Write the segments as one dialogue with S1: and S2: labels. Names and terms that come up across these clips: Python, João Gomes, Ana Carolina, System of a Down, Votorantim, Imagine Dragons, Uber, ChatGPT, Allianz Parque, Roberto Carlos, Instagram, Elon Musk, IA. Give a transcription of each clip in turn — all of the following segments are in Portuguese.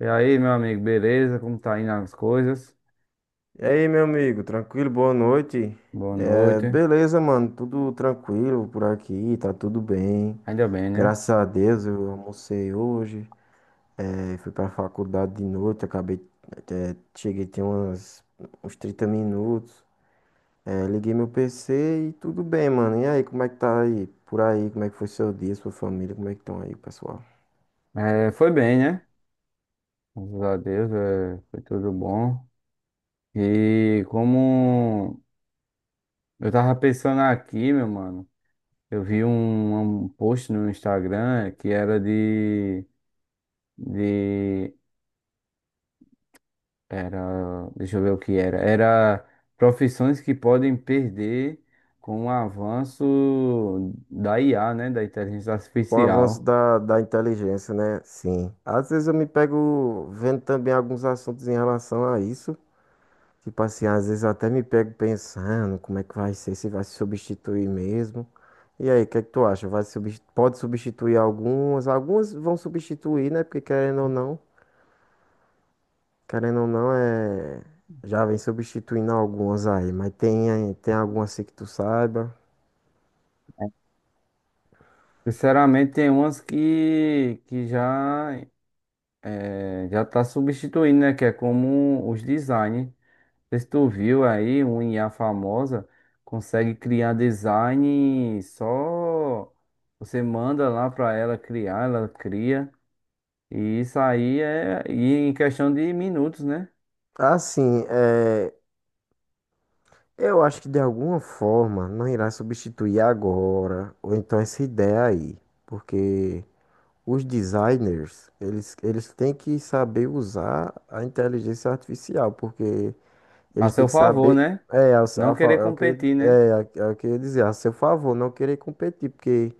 S1: E aí, meu amigo, beleza? Como tá indo as coisas?
S2: E aí, meu amigo, tranquilo? Boa noite.
S1: Boa noite.
S2: Beleza, mano, tudo tranquilo por aqui, tá tudo bem.
S1: Ainda bem, né?
S2: Graças a Deus, eu almocei hoje. Fui pra faculdade de noite, acabei, cheguei tem umas, uns 30 minutos. Liguei meu PC e tudo bem, mano. E aí, como é que tá aí? Por aí, como é que foi seu dia, sua família, como é que estão aí, pessoal?
S1: É, foi bem, né? Graças a Deus, é, foi tudo bom. E como eu tava pensando aqui, meu mano, eu vi um post no Instagram que era de, era, deixa eu ver o que era. Era profissões que podem perder com o avanço da IA, né? Da inteligência
S2: Com o avanço
S1: artificial.
S2: da inteligência, né? Sim. Às vezes eu me pego vendo também alguns assuntos em relação a isso. Tipo assim, às vezes eu até me pego pensando como é que vai ser, se vai se substituir mesmo. E aí, o que é que tu acha? Pode substituir algumas, algumas vão substituir, né? Porque querendo ou não, já vem substituindo algumas aí, mas tem, tem algumas assim que tu saiba.
S1: Sinceramente, tem umas que já já tá substituindo, né? Que é como os design. Não sei se tu viu aí, um IA famosa consegue criar design só você manda lá para ela criar, ela cria. E isso aí é e em questão de minutos, né?
S2: Assim, eu acho que de alguma forma não irá substituir agora, ou então essa ideia aí, porque. Os designers, eles têm que saber usar a inteligência artificial, porque
S1: A
S2: eles têm
S1: seu
S2: que
S1: favor,
S2: saber.
S1: né?
S2: É,
S1: Não
S2: a
S1: querer
S2: fa- é o que,
S1: competir,
S2: é,
S1: né?
S2: é é o que eu ia dizer, a seu favor, não querer competir, porque,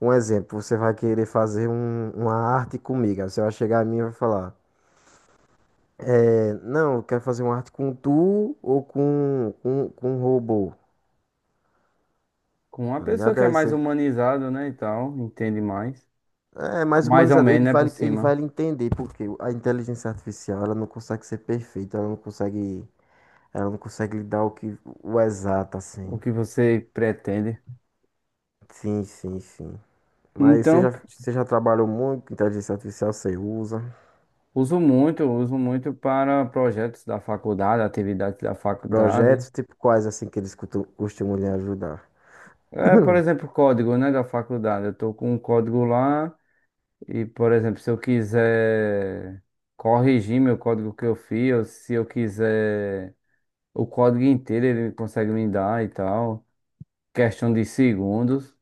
S2: um exemplo, você vai querer uma arte comigo, aí você vai chegar a mim e vai falar, não, eu quero fazer uma arte com tu ou com um robô,
S1: Com uma
S2: tá
S1: pessoa
S2: ligado?
S1: que é mais humanizada, né? E tal, entende mais.
S2: Mais
S1: Mais ou
S2: humanizado,
S1: menos, né? Por
S2: ele vai
S1: cima.
S2: lhe entender, porque a inteligência artificial, ela não consegue ser perfeita, ela não consegue. Ela não consegue lhe dar o exato assim.
S1: O que você pretende.
S2: Sim, sim, sim. Mas
S1: Então,
S2: você já trabalhou muito com inteligência artificial, você usa.
S1: uso muito para projetos da faculdade, atividades da faculdade.
S2: Projetos tipo quais assim que eles costumam lhe ajudar?
S1: É, por exemplo, código, né, da faculdade. Eu estou com um código lá e, por exemplo, se eu quiser corrigir meu código que eu fiz, ou se eu quiser o código inteiro, ele consegue me dar e tal. Questão de segundos.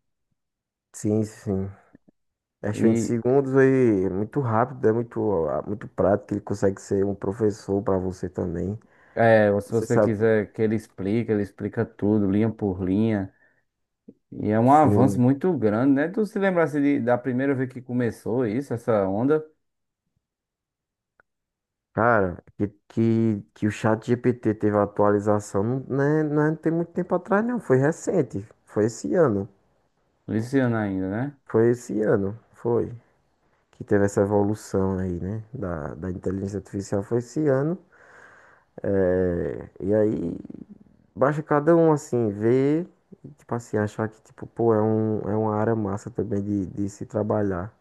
S2: Sim, sim. Acho que em
S1: E
S2: segundos aí é muito rápido, é muito, ah, muito prático, ele consegue ser um professor para você também.
S1: é, ou se
S2: Você
S1: você
S2: sabe,
S1: quiser que ele explique, ele explica tudo, linha por linha. E é um avanço
S2: sim.
S1: muito grande, né? Tu se lembrasse da primeira vez que começou isso, essa onda?
S2: Cara, que o chat GPT teve a atualização, não, né, não tem muito tempo atrás, não. Foi recente, foi esse ano.
S1: Esse ainda, né?
S2: Foi esse ano, foi. Que teve essa evolução aí, né? Da inteligência artificial foi esse ano. É, e aí, basta cada um, assim, ver e, tipo assim, achar que, tipo, pô, é uma área massa também de se trabalhar.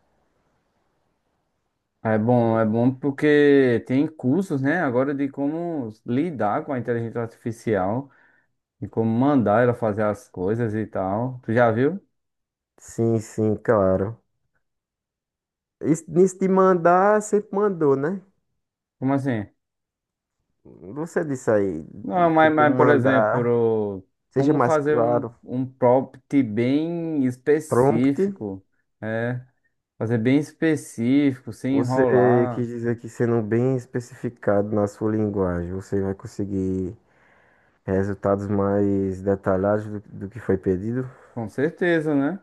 S1: É bom porque tem cursos, né? Agora de como lidar com a inteligência artificial e como mandar ela fazer as coisas e tal. Tu já viu?
S2: Sim, sim, claro. Isso, nisso de mandar, sempre mandou, né?
S1: Como assim?
S2: Você disse aí,
S1: Não,
S2: tem
S1: mas,
S2: como
S1: mas por
S2: mandar,
S1: exemplo,
S2: seja
S1: como
S2: mais
S1: fazer um,
S2: claro,
S1: um prompt bem
S2: prompt.
S1: específico, é? Fazer bem específico, sem
S2: Você
S1: enrolar.
S2: quis dizer que sendo bem especificado na sua linguagem, você vai conseguir resultados mais detalhados do que foi pedido?
S1: Com certeza, né?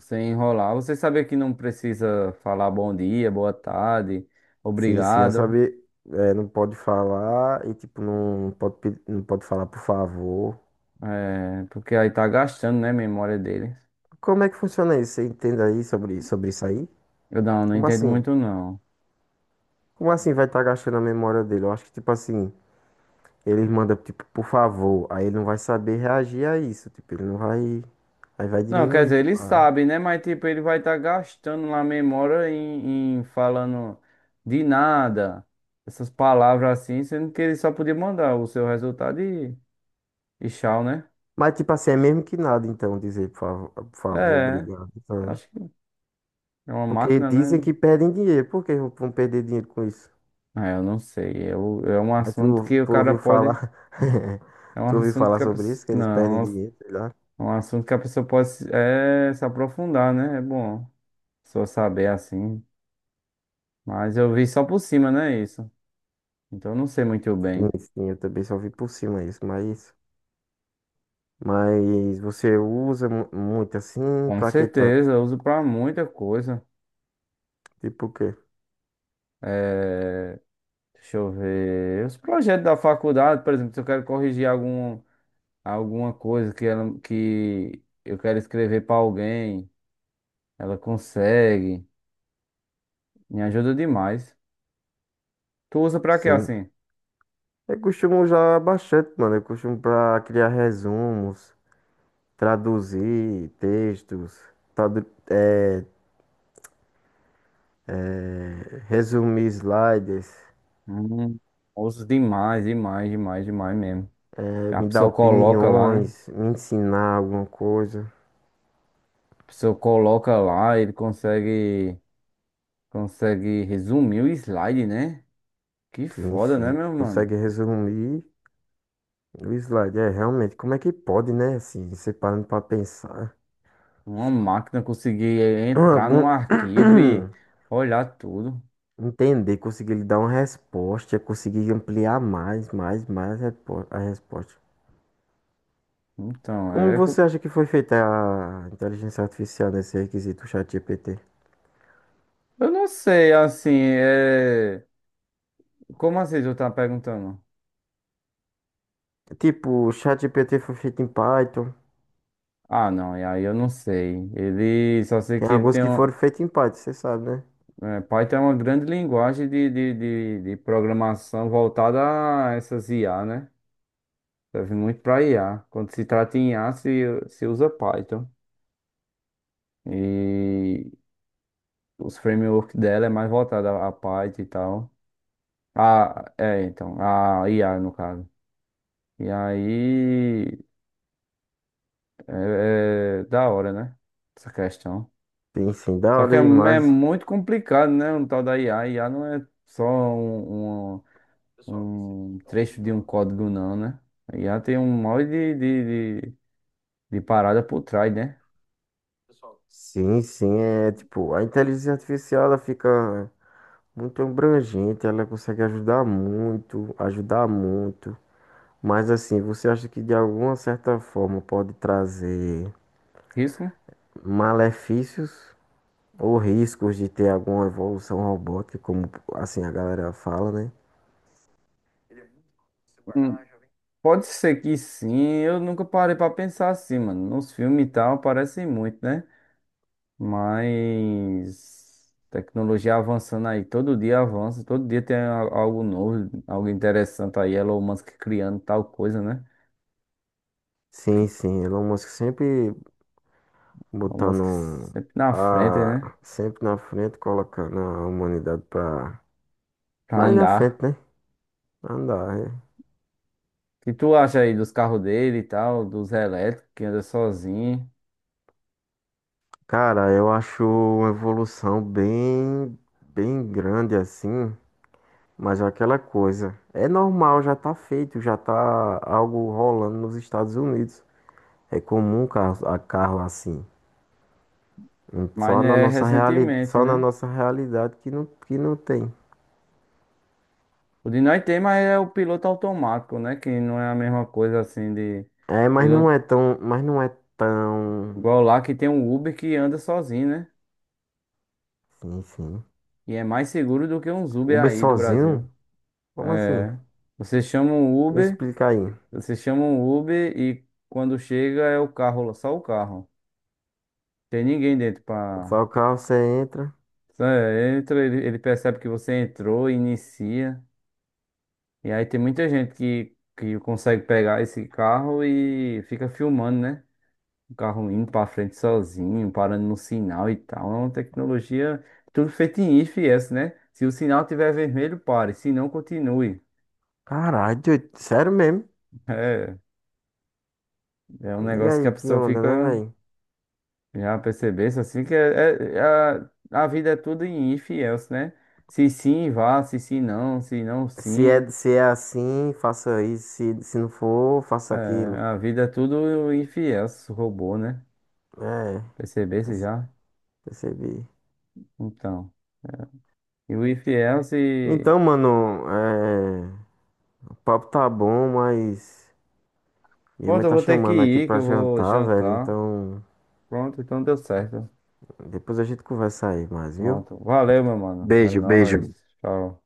S1: Sem enrolar. Você sabe que não precisa falar bom dia, boa tarde,
S2: Sim, sim, eu
S1: obrigado,
S2: sabia. Não pode falar e tipo, não pode falar por favor.
S1: é, porque aí tá gastando, né, a memória dele.
S2: Como é que funciona isso? Você entende aí sobre isso aí?
S1: Eu não, não
S2: Como
S1: entendo
S2: assim?
S1: muito não.
S2: Como assim vai estar gastando a memória dele? Eu acho que tipo assim, ele manda tipo, por favor, aí ele não vai saber reagir a isso, tipo, ele não vai. Aí vai
S1: Não, quer
S2: diminuir,
S1: dizer, ele
S2: tipo.
S1: sabe, né, mas tipo, ele vai estar gastando lá a memória em falando de nada, essas palavras assim, sendo que ele só podia mandar o seu resultado e tchau, né?
S2: Mas, tipo assim, é mesmo que nada, então, dizer, por favor,
S1: É,
S2: obrigado.
S1: eu
S2: Então, né?
S1: acho que é uma
S2: Porque
S1: máquina,
S2: dizem
S1: né?
S2: que perdem dinheiro. Por que vão perder dinheiro com isso?
S1: É, eu não sei, é, o- é um
S2: Mas
S1: assunto que o
S2: tu
S1: cara
S2: ouviu
S1: pode...
S2: falar.
S1: É um
S2: Tu ouviu
S1: assunto
S2: falar
S1: que a
S2: sobre isso,
S1: pessoa.
S2: que eles perdem
S1: Não,
S2: dinheiro,
S1: é
S2: sei lá.
S1: um assunto que a pessoa pode se- é, se aprofundar, né? É bom só saber assim. Mas eu vi só por cima, né? Isso. Então eu não sei muito
S2: Sim,
S1: bem.
S2: sim, eu também só vi por cima isso, mas. Mas você usa muito assim,
S1: Com
S2: pra que
S1: certeza,
S2: tanto?
S1: eu uso pra muita coisa.
S2: Tipo o quê?
S1: É, deixa eu ver. Os projetos da faculdade, por exemplo, se eu quero corrigir algum, alguma coisa que, ela, que eu quero escrever pra alguém, ela consegue. Me ajuda demais. Tu usa pra quê
S2: Sim.
S1: assim?
S2: Eu costumo usar bastante, mano. Eu costumo pra criar resumos, traduzir textos, tradu eh, resumir slides,
S1: Hum, osso demais, demais, demais, demais mesmo. A
S2: me dar
S1: pessoa coloca lá, né?
S2: opiniões, me ensinar alguma coisa.
S1: A pessoa coloca lá, ele consegue, consegue resumir o slide, né? Que
S2: Sim,
S1: foda, né,
S2: sim.
S1: meu mano?
S2: Consegue resumir o slide. É, realmente, como é que pode, né? Assim, você parando pra pensar.
S1: Uma máquina conseguir entrar no arquivo e olhar tudo.
S2: Entender, conseguir lhe dar uma resposta, conseguir ampliar mais a resposta.
S1: Então,
S2: Como
S1: é. Co-
S2: você acha que foi feita a inteligência artificial nesse requisito ChatGPT?
S1: eu não sei, assim, é. Como assim tu tá perguntando?
S2: Tipo, o ChatGPT foi feito em Python.
S1: Ah, não, e aí eu não sei. Ele só sei
S2: Tem
S1: que ele
S2: alguns
S1: tem
S2: que
S1: um.
S2: foram feitos em Python, você sabe, né?
S1: É, Python é uma grande linguagem de programação voltada a essas IA, né? Serve muito para IA. Quando se trata em IA, se usa Python. E os frameworks dela é mais voltada a Python e tal. Ah, é, então, a IA no caso. E aí, é, é da hora, né? Essa questão.
S2: Sim, sim, da
S1: Só que
S2: hora
S1: é, é
S2: demais.
S1: muito complicado, né? Um tal da IA. IA não é só um trecho de um código não, né? Aí já tem um monte de parada por trás, né?
S2: Sim, sim, é tipo, a inteligência artificial ela fica muito abrangente, ela consegue ajudar muito, ajudar muito. Mas assim, você acha que de alguma certa forma pode trazer
S1: Risco?
S2: malefícios ou riscos de ter alguma evolução robótica, como assim a galera fala, né?
S1: Hum, Pode ser que sim, eu nunca parei pra pensar assim, mano. Nos filmes e tal, aparecem muito, né? Mas tecnologia avançando aí, todo dia avança, todo dia tem a- algo novo, algo interessante aí. Elon Musk criando tal coisa, né?
S2: Sim, sim, Elon Musk sempre
S1: Elon Musk
S2: botando
S1: sempre na frente,
S2: a
S1: né?
S2: sempre na frente, colocando a humanidade pra,
S1: Pra
S2: pra ir na
S1: andar.
S2: frente, né? Andar, né?
S1: O que tu acha aí dos carros dele e tal, dos elétricos que anda sozinho?
S2: Cara, eu acho uma evolução bem grande assim, mas é aquela coisa, é normal, já tá feito, já tá algo rolando nos Estados Unidos. É comum carro, a carro assim.
S1: Mas
S2: Só na
S1: é recentemente,
S2: só na
S1: né?
S2: nossa realidade que não tem.
S1: O de nós tem, mas é o piloto automático, né? Que não é a mesma coisa assim de
S2: É, mas não
S1: piloto.
S2: é tão, mas não é tão,
S1: Igual lá que tem um Uber que anda sozinho, né?
S2: Sim, sim.
S1: E é mais seguro do que uns Uber
S2: Uber
S1: aí do Brasil.
S2: sozinho? Como assim?
S1: É. Você chama um
S2: Me
S1: Uber,
S2: explica aí.
S1: você chama um Uber e quando chega é o carro, só o carro. Tem ninguém dentro pra.
S2: Só o carro você entra.
S1: Só é, entra, ele percebe que você entrou, inicia. E aí tem muita gente que consegue pegar esse carro e fica filmando, né? Um carro indo pra frente sozinho, parando no sinal e tal. É uma tecnologia tudo feito em IFS, né? Se o sinal tiver vermelho, pare. Se não, continue.
S2: Caralho, doido, sério mesmo?
S1: É, é um
S2: Diga
S1: negócio que a
S2: aí que
S1: pessoa
S2: onda, né,
S1: fica
S2: velho?
S1: já percebesse assim que é, é- é a vida é tudo em IFS, né? Se sim, vá. Se sim, não. Se não, sim.
S2: Se é assim, faça isso. Se não for,
S1: É,
S2: faça aquilo.
S1: a vida é tudo IFS, robô, né?
S2: É,
S1: Percebesse já?
S2: percebi.
S1: Então. E o IFS. E- else.
S2: Então, mano, o papo tá bom, mas minha
S1: Pronto,
S2: mãe
S1: eu
S2: tá
S1: vou ter que
S2: chamando aqui
S1: ir, que
S2: pra
S1: eu vou
S2: jantar, velho.
S1: jantar.
S2: Então,
S1: Pronto, então deu certo.
S2: depois a gente conversa aí mais, viu?
S1: Pronto. Valeu, meu mano. É
S2: Beijo,
S1: nóis.
S2: beijo.
S1: Tchau.